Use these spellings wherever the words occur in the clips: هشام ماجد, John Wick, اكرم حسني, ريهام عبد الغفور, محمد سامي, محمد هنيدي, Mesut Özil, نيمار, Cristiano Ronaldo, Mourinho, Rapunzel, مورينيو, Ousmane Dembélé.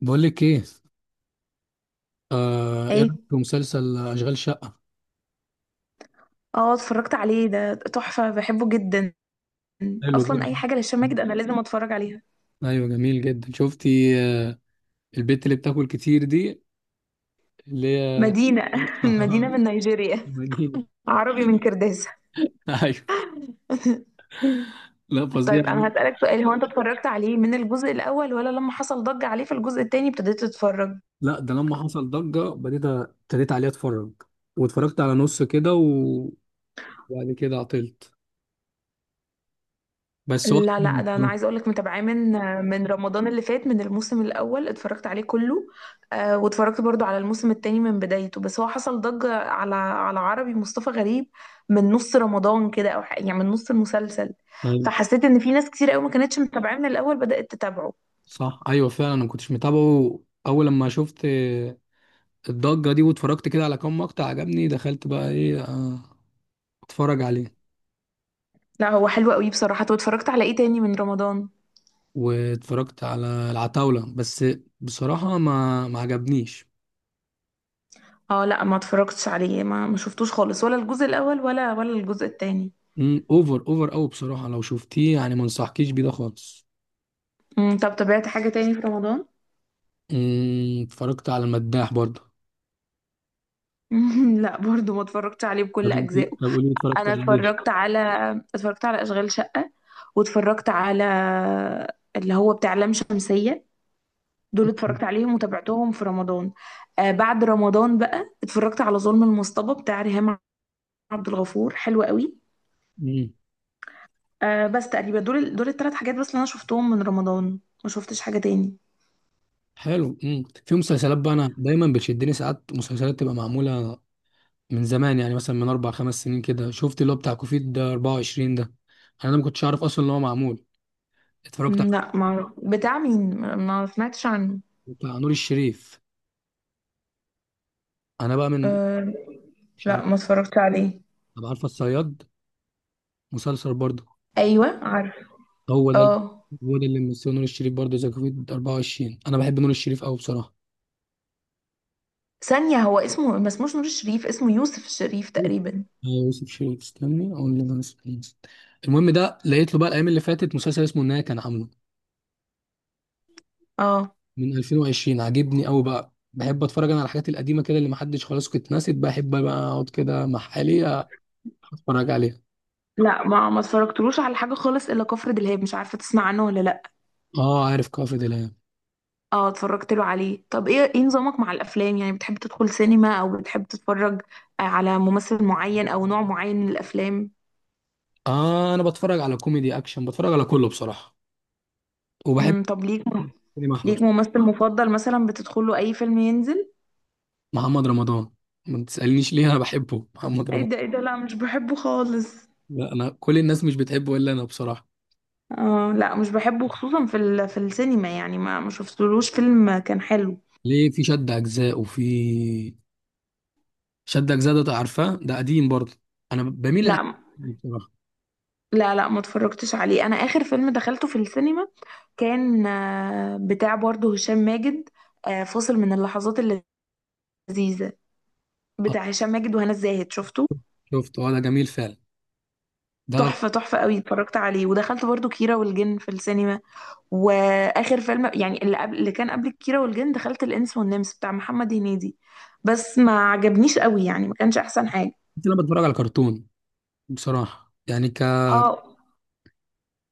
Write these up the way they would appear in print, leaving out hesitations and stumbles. بقول لك ايه. ايه ايه. رايك في مسلسل اشغال شقه؟ اه، اتفرجت عليه، ده تحفة بحبه جدا. حلو اصلا جدا. اي حاجة لهشام ماجد انا لازم اتفرج عليها. ايوه، جميل جدا. شفتي البت اللي بتاكل كتير دي اللي هي مدينة. مدينة آه. من نيجيريا. منيلة. عربي من كرداسة. ايوه. لا، فظيع. طيب انا هسألك سؤال، هو انت اتفرجت عليه من الجزء الاول ولا لما حصل ضجة عليه في الجزء التاني ابتديت تتفرج؟ لا، ده لما حصل ضجه، ابتديت عليه اتفرج. واتفرجت على نص كده وبعد كده عطلت. بس هو لا لا، عجبني ده انا عايزه بصراحة. اقول لك متابعاه من رمضان اللي فات، من الموسم الاول اتفرجت عليه كله. آه، واتفرجت برضو على الموسم التاني من بدايته، بس هو حصل ضجه على عربي مصطفى غريب من نص رمضان كده او يعني من نص المسلسل. ايوه، فحسيت ان في ناس كتير قوي ما كانتش متابعاه من الاول بدات تتابعه. صح، ايوه، فعلا. انا ما كنتش متابعه اول لما شفت الضجه دي، واتفرجت كده على كام مقطع، عجبني، دخلت بقى ايه اتفرج عليه. لا هو حلو قوي بصراحه. طب اتفرجت على ايه تاني من رمضان؟ واتفرجت على العتاولة بس، بصراحة ما عجبنيش. اه لا، ما اتفرجتش عليه، ما شفتوش خالص، ولا الجزء الاول ولا الجزء التاني. اوفر اوفر اوي بصراحة. لو شفتيه يعني، ما انصحكيش بيه ده خالص. طب تابعت حاجه تاني في رمضان؟ اتفرجت على المداح برضه. لا برضو ما اتفرجتش عليه بكل طب اجزائه. طب قولي اتفرجت انا على ايه. اتفرجت على اتفرجت على اشغال شقة، واتفرجت على اللي هو بتاع لام شمسية. دول اتفرجت عليهم وتابعتهم في رمضان. آه، بعد رمضان بقى اتفرجت على ظلم المصطبة بتاع ريهام عبد الغفور، حلو قوي. مم. آه بس تقريبا دول الثلاث حاجات بس اللي انا شفتهم من رمضان، ما شفتش حاجة تاني. حلو. مم. في مسلسلات بقى انا دايما بتشدني، ساعات مسلسلات تبقى معمولة من زمان. يعني مثلا من 4 5 سنين كده شفت اللي هو بتاع كوفيد ده 24 ده. انا ده ما كنتش عارف اصلا ان هو معمول. اتفرجت على لا ما أعرف. بتاع مين؟ ما سمعتش عنه. بتاع نور الشريف. انا بقى من، آه مش لا، عارف. ما اتفرجت عليه. طب عارفه الصياد؟ مسلسل برضه. ايوه عارف. هو ده. اه، هو ده اللي ممثله نور الشريف برضه، ذا كوفيد 24. انا بحب نور الشريف قوي بصراحه. ثانية، هو اسمه ما اسموش نور الشريف، اسمه يوسف الشريف تقريبا. آه، يوسف شريف. استني اقول لك انا اسمه إيه. المهم ده لقيت له بقى الايام اللي فاتت مسلسل اسمه النهايه، كان عامله اه من 2020. عاجبني قوي. بقى بحب اتفرج انا على الحاجات القديمه كده، اللي محدش، خلاص كنت ناسيت. بحب بقى اقعد كده مع حالي، اتفرج عليها. لا، ما اتفرجتلوش على حاجه خالص الا كفر دلهاب، مش عارفه تسمع عنه ولا لا. اه عارف، كافي دلام. اه اتفرجت له عليه. طب ايه نظامك مع الافلام؟ يعني بتحب تدخل سينما او بتحب تتفرج على ممثل معين او نوع معين من الافلام؟ اه انا بتفرج على كوميدي، اكشن، بتفرج على كله بصراحه. وبحب طب ليك كريم احمد، ليك ممثل مفضل مثلا بتدخله اي فيلم ينزل؟ محمد رمضان. ما تسالنيش ليه، انا بحبه محمد ايه رمضان. ده ايه ده، لا مش بحبه خالص. لا، انا كل الناس مش بتحبه الا انا بصراحه. اه لا مش بحبه، خصوصا في في السينما، يعني ما شفتلوش فيلم كان حلو. ليه، في شد اجزاء وفي شد اجزاء، ده عارفاه، ده قديم برضه. انا بميل للحاجات لا دي بصراحه. لا لا، ما اتفرجتش عليه. انا اخر فيلم دخلته في السينما كان بتاع برضه هشام ماجد، فاصل من اللحظات اللذيذة آه، بتاع هشام ماجد وهنا الزاهد، شفته شفت، هو ده جميل فعلا، ده. تحفة، تحفة قوي. اتفرجت عليه، ودخلت برضه كيرة والجن في السينما. واخر فيلم يعني اللي كان قبل كيرة والجن دخلت الانس والنمس بتاع محمد هنيدي، بس ما عجبنيش قوي يعني، ما كانش احسن حاجة. كنت انا بتفرج على كرتون بصراحه، يعني اه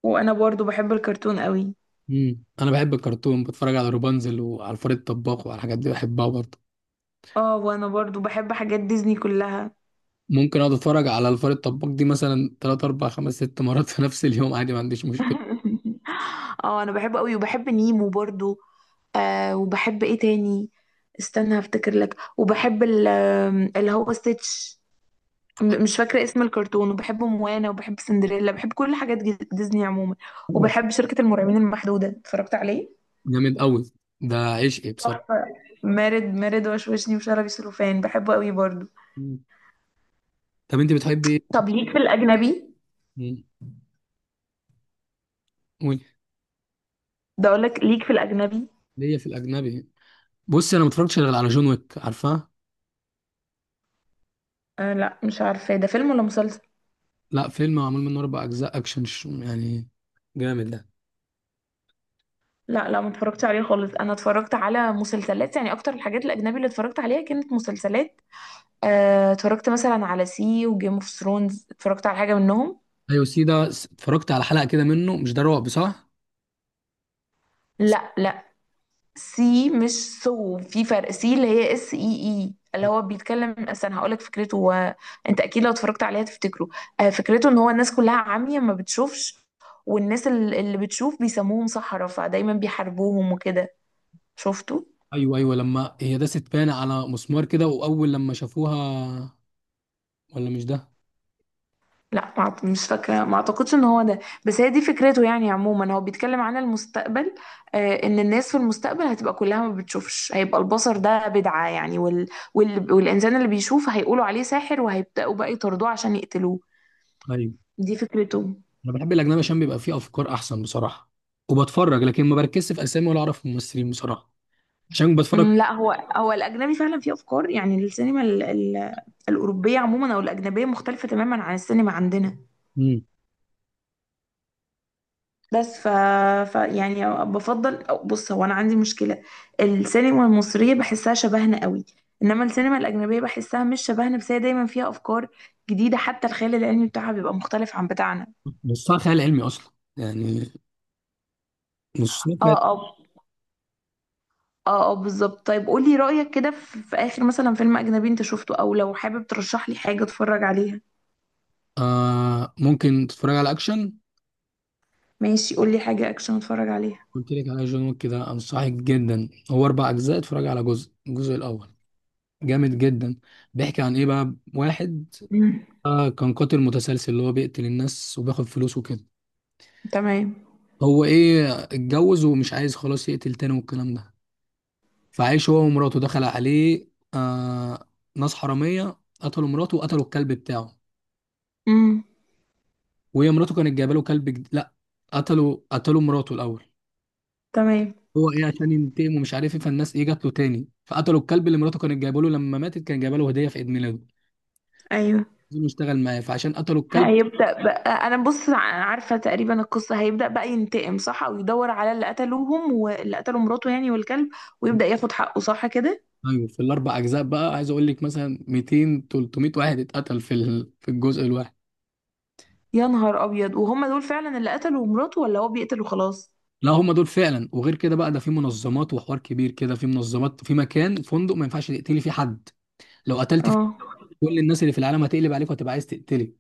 وانا برضه بحب الكرتون قوي. مم. انا بحب الكرتون، بتفرج على روبانزل وعلى الفار الطباخ وعلى الحاجات دي بحبها برضه. اه وانا برضه بحب حاجات ديزني كلها. ممكن اقعد اتفرج على الفار الطباخ دي مثلا 3 4 5 6 مرات في نفس اليوم عادي، ما عنديش مشكله. اه انا بحبه قوي، وبحب نيمو برضو. آه، وبحب ايه تاني؟ استنى هفتكر لك. وبحب ال- آم، اللي هو ستيتش، مش فاكرة اسم الكرتون. وبحب موانا، وبحب سندريلا، بحب كل حاجات ديزني عموما. أيوة. وبحب شركة المرعبين المحدودة اتفرجت عليه، جامد قوي، ده عشقي بصراحه. تحفة. مارد مارد وشوشني وشلبي سلوفان بحبه قوي برضو. مم. طب انت بتحبي ايه؟ طب ليك في الأجنبي؟ مم. قولي. ده أقول لك ليك في الأجنبي. ليا في الاجنبي؟ بص انا ما اتفرجتش غير على جون ويك، عارفاه؟ آه لا مش عارفة، ده فيلم ولا مسلسل؟ لا، فيلم معمول منه 4 اجزاء اكشن يعني، جامد ده. لا لا، ما اتفرجتش عليه خالص. انا اتفرجت على مسلسلات، يعني اكتر الحاجات الاجنبي اللي اتفرجت عليها كانت مسلسلات. آه، اتفرجت مثلا على سي وجيم اوف ثرونز، اتفرجت على حاجه منهم. ايوه، سي ده، اتفرجت على حلقه كده منه، مش ده رعب صح؟ لا لا، سي مش سو، في فرق. سي اللي هي اس اي اي، اللي هو بيتكلم اصلا، هقول لك فكرته. انت اكيد لو اتفرجت عليها تفتكره. آه، فكرته ان هو الناس كلها عمية ما بتشوفش، والناس اللي بتشوف بيسموهم سحرة فدايما بيحاربوهم وكده، شفته؟ ايوه، ايوه، لما هي داست بان على مسمار كده واول لما شافوها؟ ولا مش ده؟ لا ما أعت- مش فاكرة، ما اعتقدش ان هو ده. بس هي دي فكرته يعني عموما، هو بيتكلم عن المستقبل. آه، ان الناس في المستقبل هتبقى كلها ما بتشوفش، هيبقى البصر ده بدعة يعني، والانسان اللي بيشوف هيقولوا عليه ساحر وهيبدأوا بقى يطردوه عشان يقتلوه. ايوه. دي فكرته. انا بحب الاجنبي عشان بيبقى فيه افكار احسن بصراحه. وبتفرج لكن ما بركزش في اسامي ولا اعرف الممثلين بصراحه، عشان بتفرج. لا هو الاجنبي فعلا فيه افكار، يعني السينما الاوروبية عموما او الاجنبية مختلفة تماما عن السينما عندنا. مم. بس ف يعني بفضل، أو بص هو انا عندي مشكله، السينما المصريه بحسها شبهنا قوي، انما السينما الاجنبيه بحسها مش شبهنا، بس هي دايما فيها افكار جديده، حتى الخيال العلمي بتاعها بيبقى مختلف عن بتاعنا. نصها خيال علمي اصلا يعني. نصها اه اه اه اه، بالظبط. طيب قولي رايك كده في اخر مثلا فيلم اجنبي انت شفته، او لو حابب ترشح لي حاجه اتفرج عليها. آه، ممكن تتفرج على اكشن. ماشي، قولي حاجه اكشن اتفرج عليها. قلت لك على جون ويك، كده انصحك جدا، هو 4 اجزاء، اتفرج على الجزء الاول، جامد جدا. بيحكي عن ايه بقى؟ واحد امم كان قاتل متسلسل، اللي هو بيقتل الناس وبياخد فلوس وكده. تمام. هو ايه، اتجوز ومش عايز خلاص يقتل تاني والكلام ده. فعايش هو ومراته، دخل عليه آه ناس حرامية، قتلوا مراته وقتلوا الكلب بتاعه. امم وهي مراته كانت جايبه له كلب لا، قتلوا مراته الاول. تمام. هو ايه عشان ينتقم، ومش عارف ايه، فالناس ايه، جات له تاني فقتلوا الكلب اللي مراته كانت جايبه له. لما ماتت كان جايبه له هديه في عيد ميلاده. ايوه. عايزينه يشتغل معاه، فعشان قتلوا الكلب. هيبدأ بقى أنا بص عارفة تقريبا القصة، هيبدأ بقى ينتقم، صح؟ أو يدور على اللي قتلوهم واللي قتلوا مراته يعني والكلب، ويبدأ ياخد حقه صح كده. ايوه، في الاربع اجزاء بقى، عايز اقول لك مثلا 200 300 واحد اتقتل في الجزء الواحد. يا نهار أبيض، وهم دول فعلا اللي قتلوا مراته ولا هو بيقتل وخلاص؟ لا، هم دول فعلا. وغير كده بقى، ده في منظمات، وحوار كبير كده، في منظمات، في مكان، فندق ما ينفعش تقتلي فيه حد. لو قتلت فيه، اه. كل الناس اللي في العالم هتقلب عليك وهتبقى عايز تقتلك.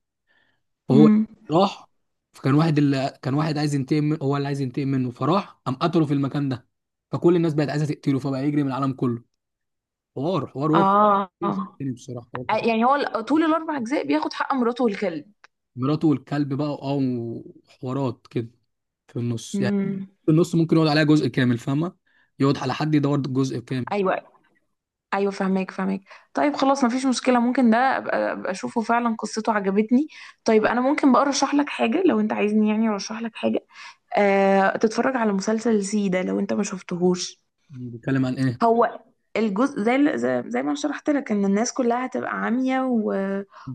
هو امم. راح، فكان واحد، اللي كان واحد عايز ينتقم هو اللي عايز ينتقم منه، فراح قام قتله في المكان ده. فكل الناس بقت عايزه تقتله، فبقى يجري من العالم كله. حوار، حوار، هو اه. آه. تاني بصراحه، حوار كتير. يعني هو طول الأربع أجزاء بياخد حق مراته والكلب. مراته والكلب بقى، وحوارات كده في النص يعني. امم. في النص ممكن يقعد عليها جزء كامل، فاهمه؟ يقعد على حد، يدور جزء كامل. أيوه أيوه، فهماك فهماك. طيب خلاص مفيش مشكلة، ممكن ده أبقى أشوفه فعلا، قصته عجبتني. طيب أنا ممكن بقى أرشح لك حاجة، لو أنت عايزني يعني أرشح لك حاجة تتفرج على مسلسل زي ده لو انت ما شفتهوش. بيتكلم عن ايه؟ هو الجزء زي ال- زي زي ما شرحت لك ان الناس كلها هتبقى عمية،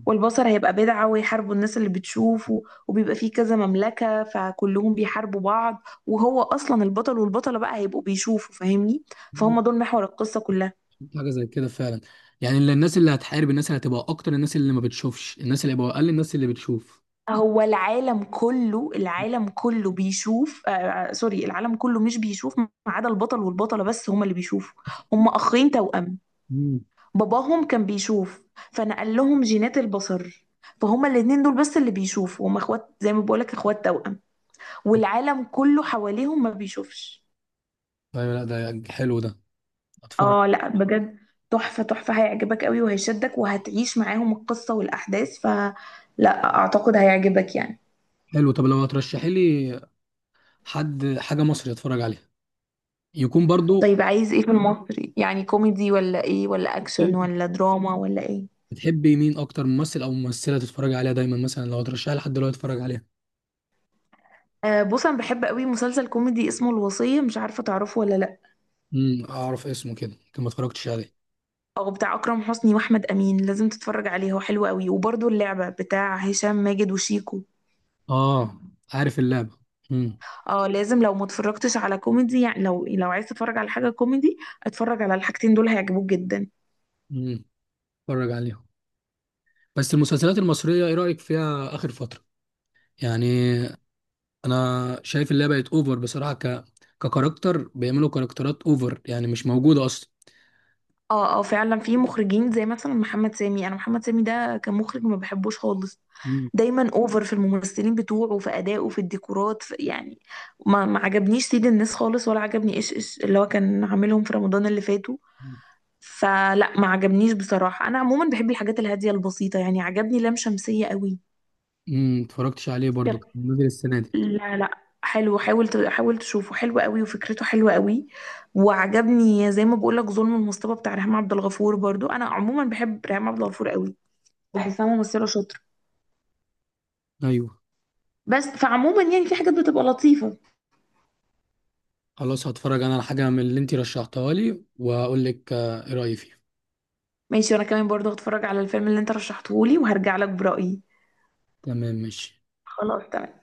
والبصر هيبقى بدعة، ويحاربوا الناس اللي بتشوف وبيبقى فيه كذا مملكة فكلهم بيحاربوا بعض، وهو اصلا البطل والبطلة بقى هيبقوا بيشوفوا، فاهمني؟ فهم ممكن دول محور القصة كلها. حاجه زي كده فعلا. يعني اللي الناس، اللي هتحارب الناس، اللي هتبقى اكتر الناس اللي ما بتشوفش، الناس اللي هيبقى اقل الناس اللي بتشوف. هو العالم كله، العالم كله بيشوف، سوري، العالم كله مش بيشوف ما عدا البطل والبطلة، بس هما اللي بيشوفوا، هما اخين توأم، مم. باباهم كان بيشوف فنقل لهم جينات البصر، فهما الاتنين دول بس اللي بيشوفوا، هما اخوات زي ما بقولك اخوات توأم، والعالم كله حواليهم ما بيشوفش. ايوه. لا، ده حلو ده، اتفرج. اه لا بجد، تحفة تحفة، هيعجبك قوي وهيشدك وهتعيش معاهم القصة والأحداث، فلا أعتقد هيعجبك يعني. حلو. طب لو هترشحي لي حد حاجه مصري اتفرج عليها، يكون برضو. طيب عايز ايه في المصري؟ يعني كوميدي ولا ايه، ولا أكشن ولا دراما ولا ايه؟ بتحبي مين اكتر ممثل او ممثله تتفرج عليها دايما؟ مثلا لو هترشحي لحد دلوقتي اتفرج عليها. آه بص أنا بحب قوي مسلسل كوميدي اسمه الوصية، مش عارفة تعرفه ولا، اعرف اسمه كده، يمكن ما اتفرجتش عليه. او بتاع اكرم حسني واحمد امين، لازم تتفرج عليه هو حلو قوي. وبرده اللعبه بتاع هشام ماجد وشيكو. اه عارف اللعبه. امم. اه لازم، لو ما اتفرجتش على كوميدي يعني، لو عايز تتفرج على حاجه كوميدي اتفرج على الحاجتين دول هيعجبوك جدا. امم. اتفرج عليها. بس المسلسلات المصريه ايه رايك فيها اخر فتره يعني؟ انا شايف اللعبه بقت اوفر بصراحه، ككاركتر، بيعملوا كاركترات اوفر يعني مش موجوده اصلا. اه اه فعلا في مخرجين زي مثلا محمد سامي، انا محمد سامي ده كمخرج ما بحبوش خالص، امم. دايما اوفر في الممثلين بتوعه، في ادائه، في الديكورات، في يعني ما عجبنيش سيد الناس خالص، ولا عجبني ايش ايش اللي هو كان عاملهم في رمضان اللي فات، فلا ما عجبنيش بصراحة. أنا عموما بحب الحاجات الهادية البسيطة، يعني عجبني لام شمسية قوي. اتفرجتش عليه طب برضو، كان نزل السنه دي. لا لا، حلو، حاول تشوفه حلو قوي وفكرته حلوة قوي. وعجبني زي ما بقولك ظلم المصطبة بتاع ريهام عبد الغفور برضو، أنا عموما بحب ريهام عبد الغفور قوي، بحسها ممثلة شاطرة، ايوه، بس فعموما يعني في حاجات بتبقى لطيفة. خلاص هتفرج انا على حاجه من اللي انت رشحتها لي واقول لك ايه رايي فيها. ماشي، وأنا كمان برضو هتفرج على الفيلم اللي أنت رشحتهولي وهرجع لك برأيي. تمام، ماشي. خلاص تمام.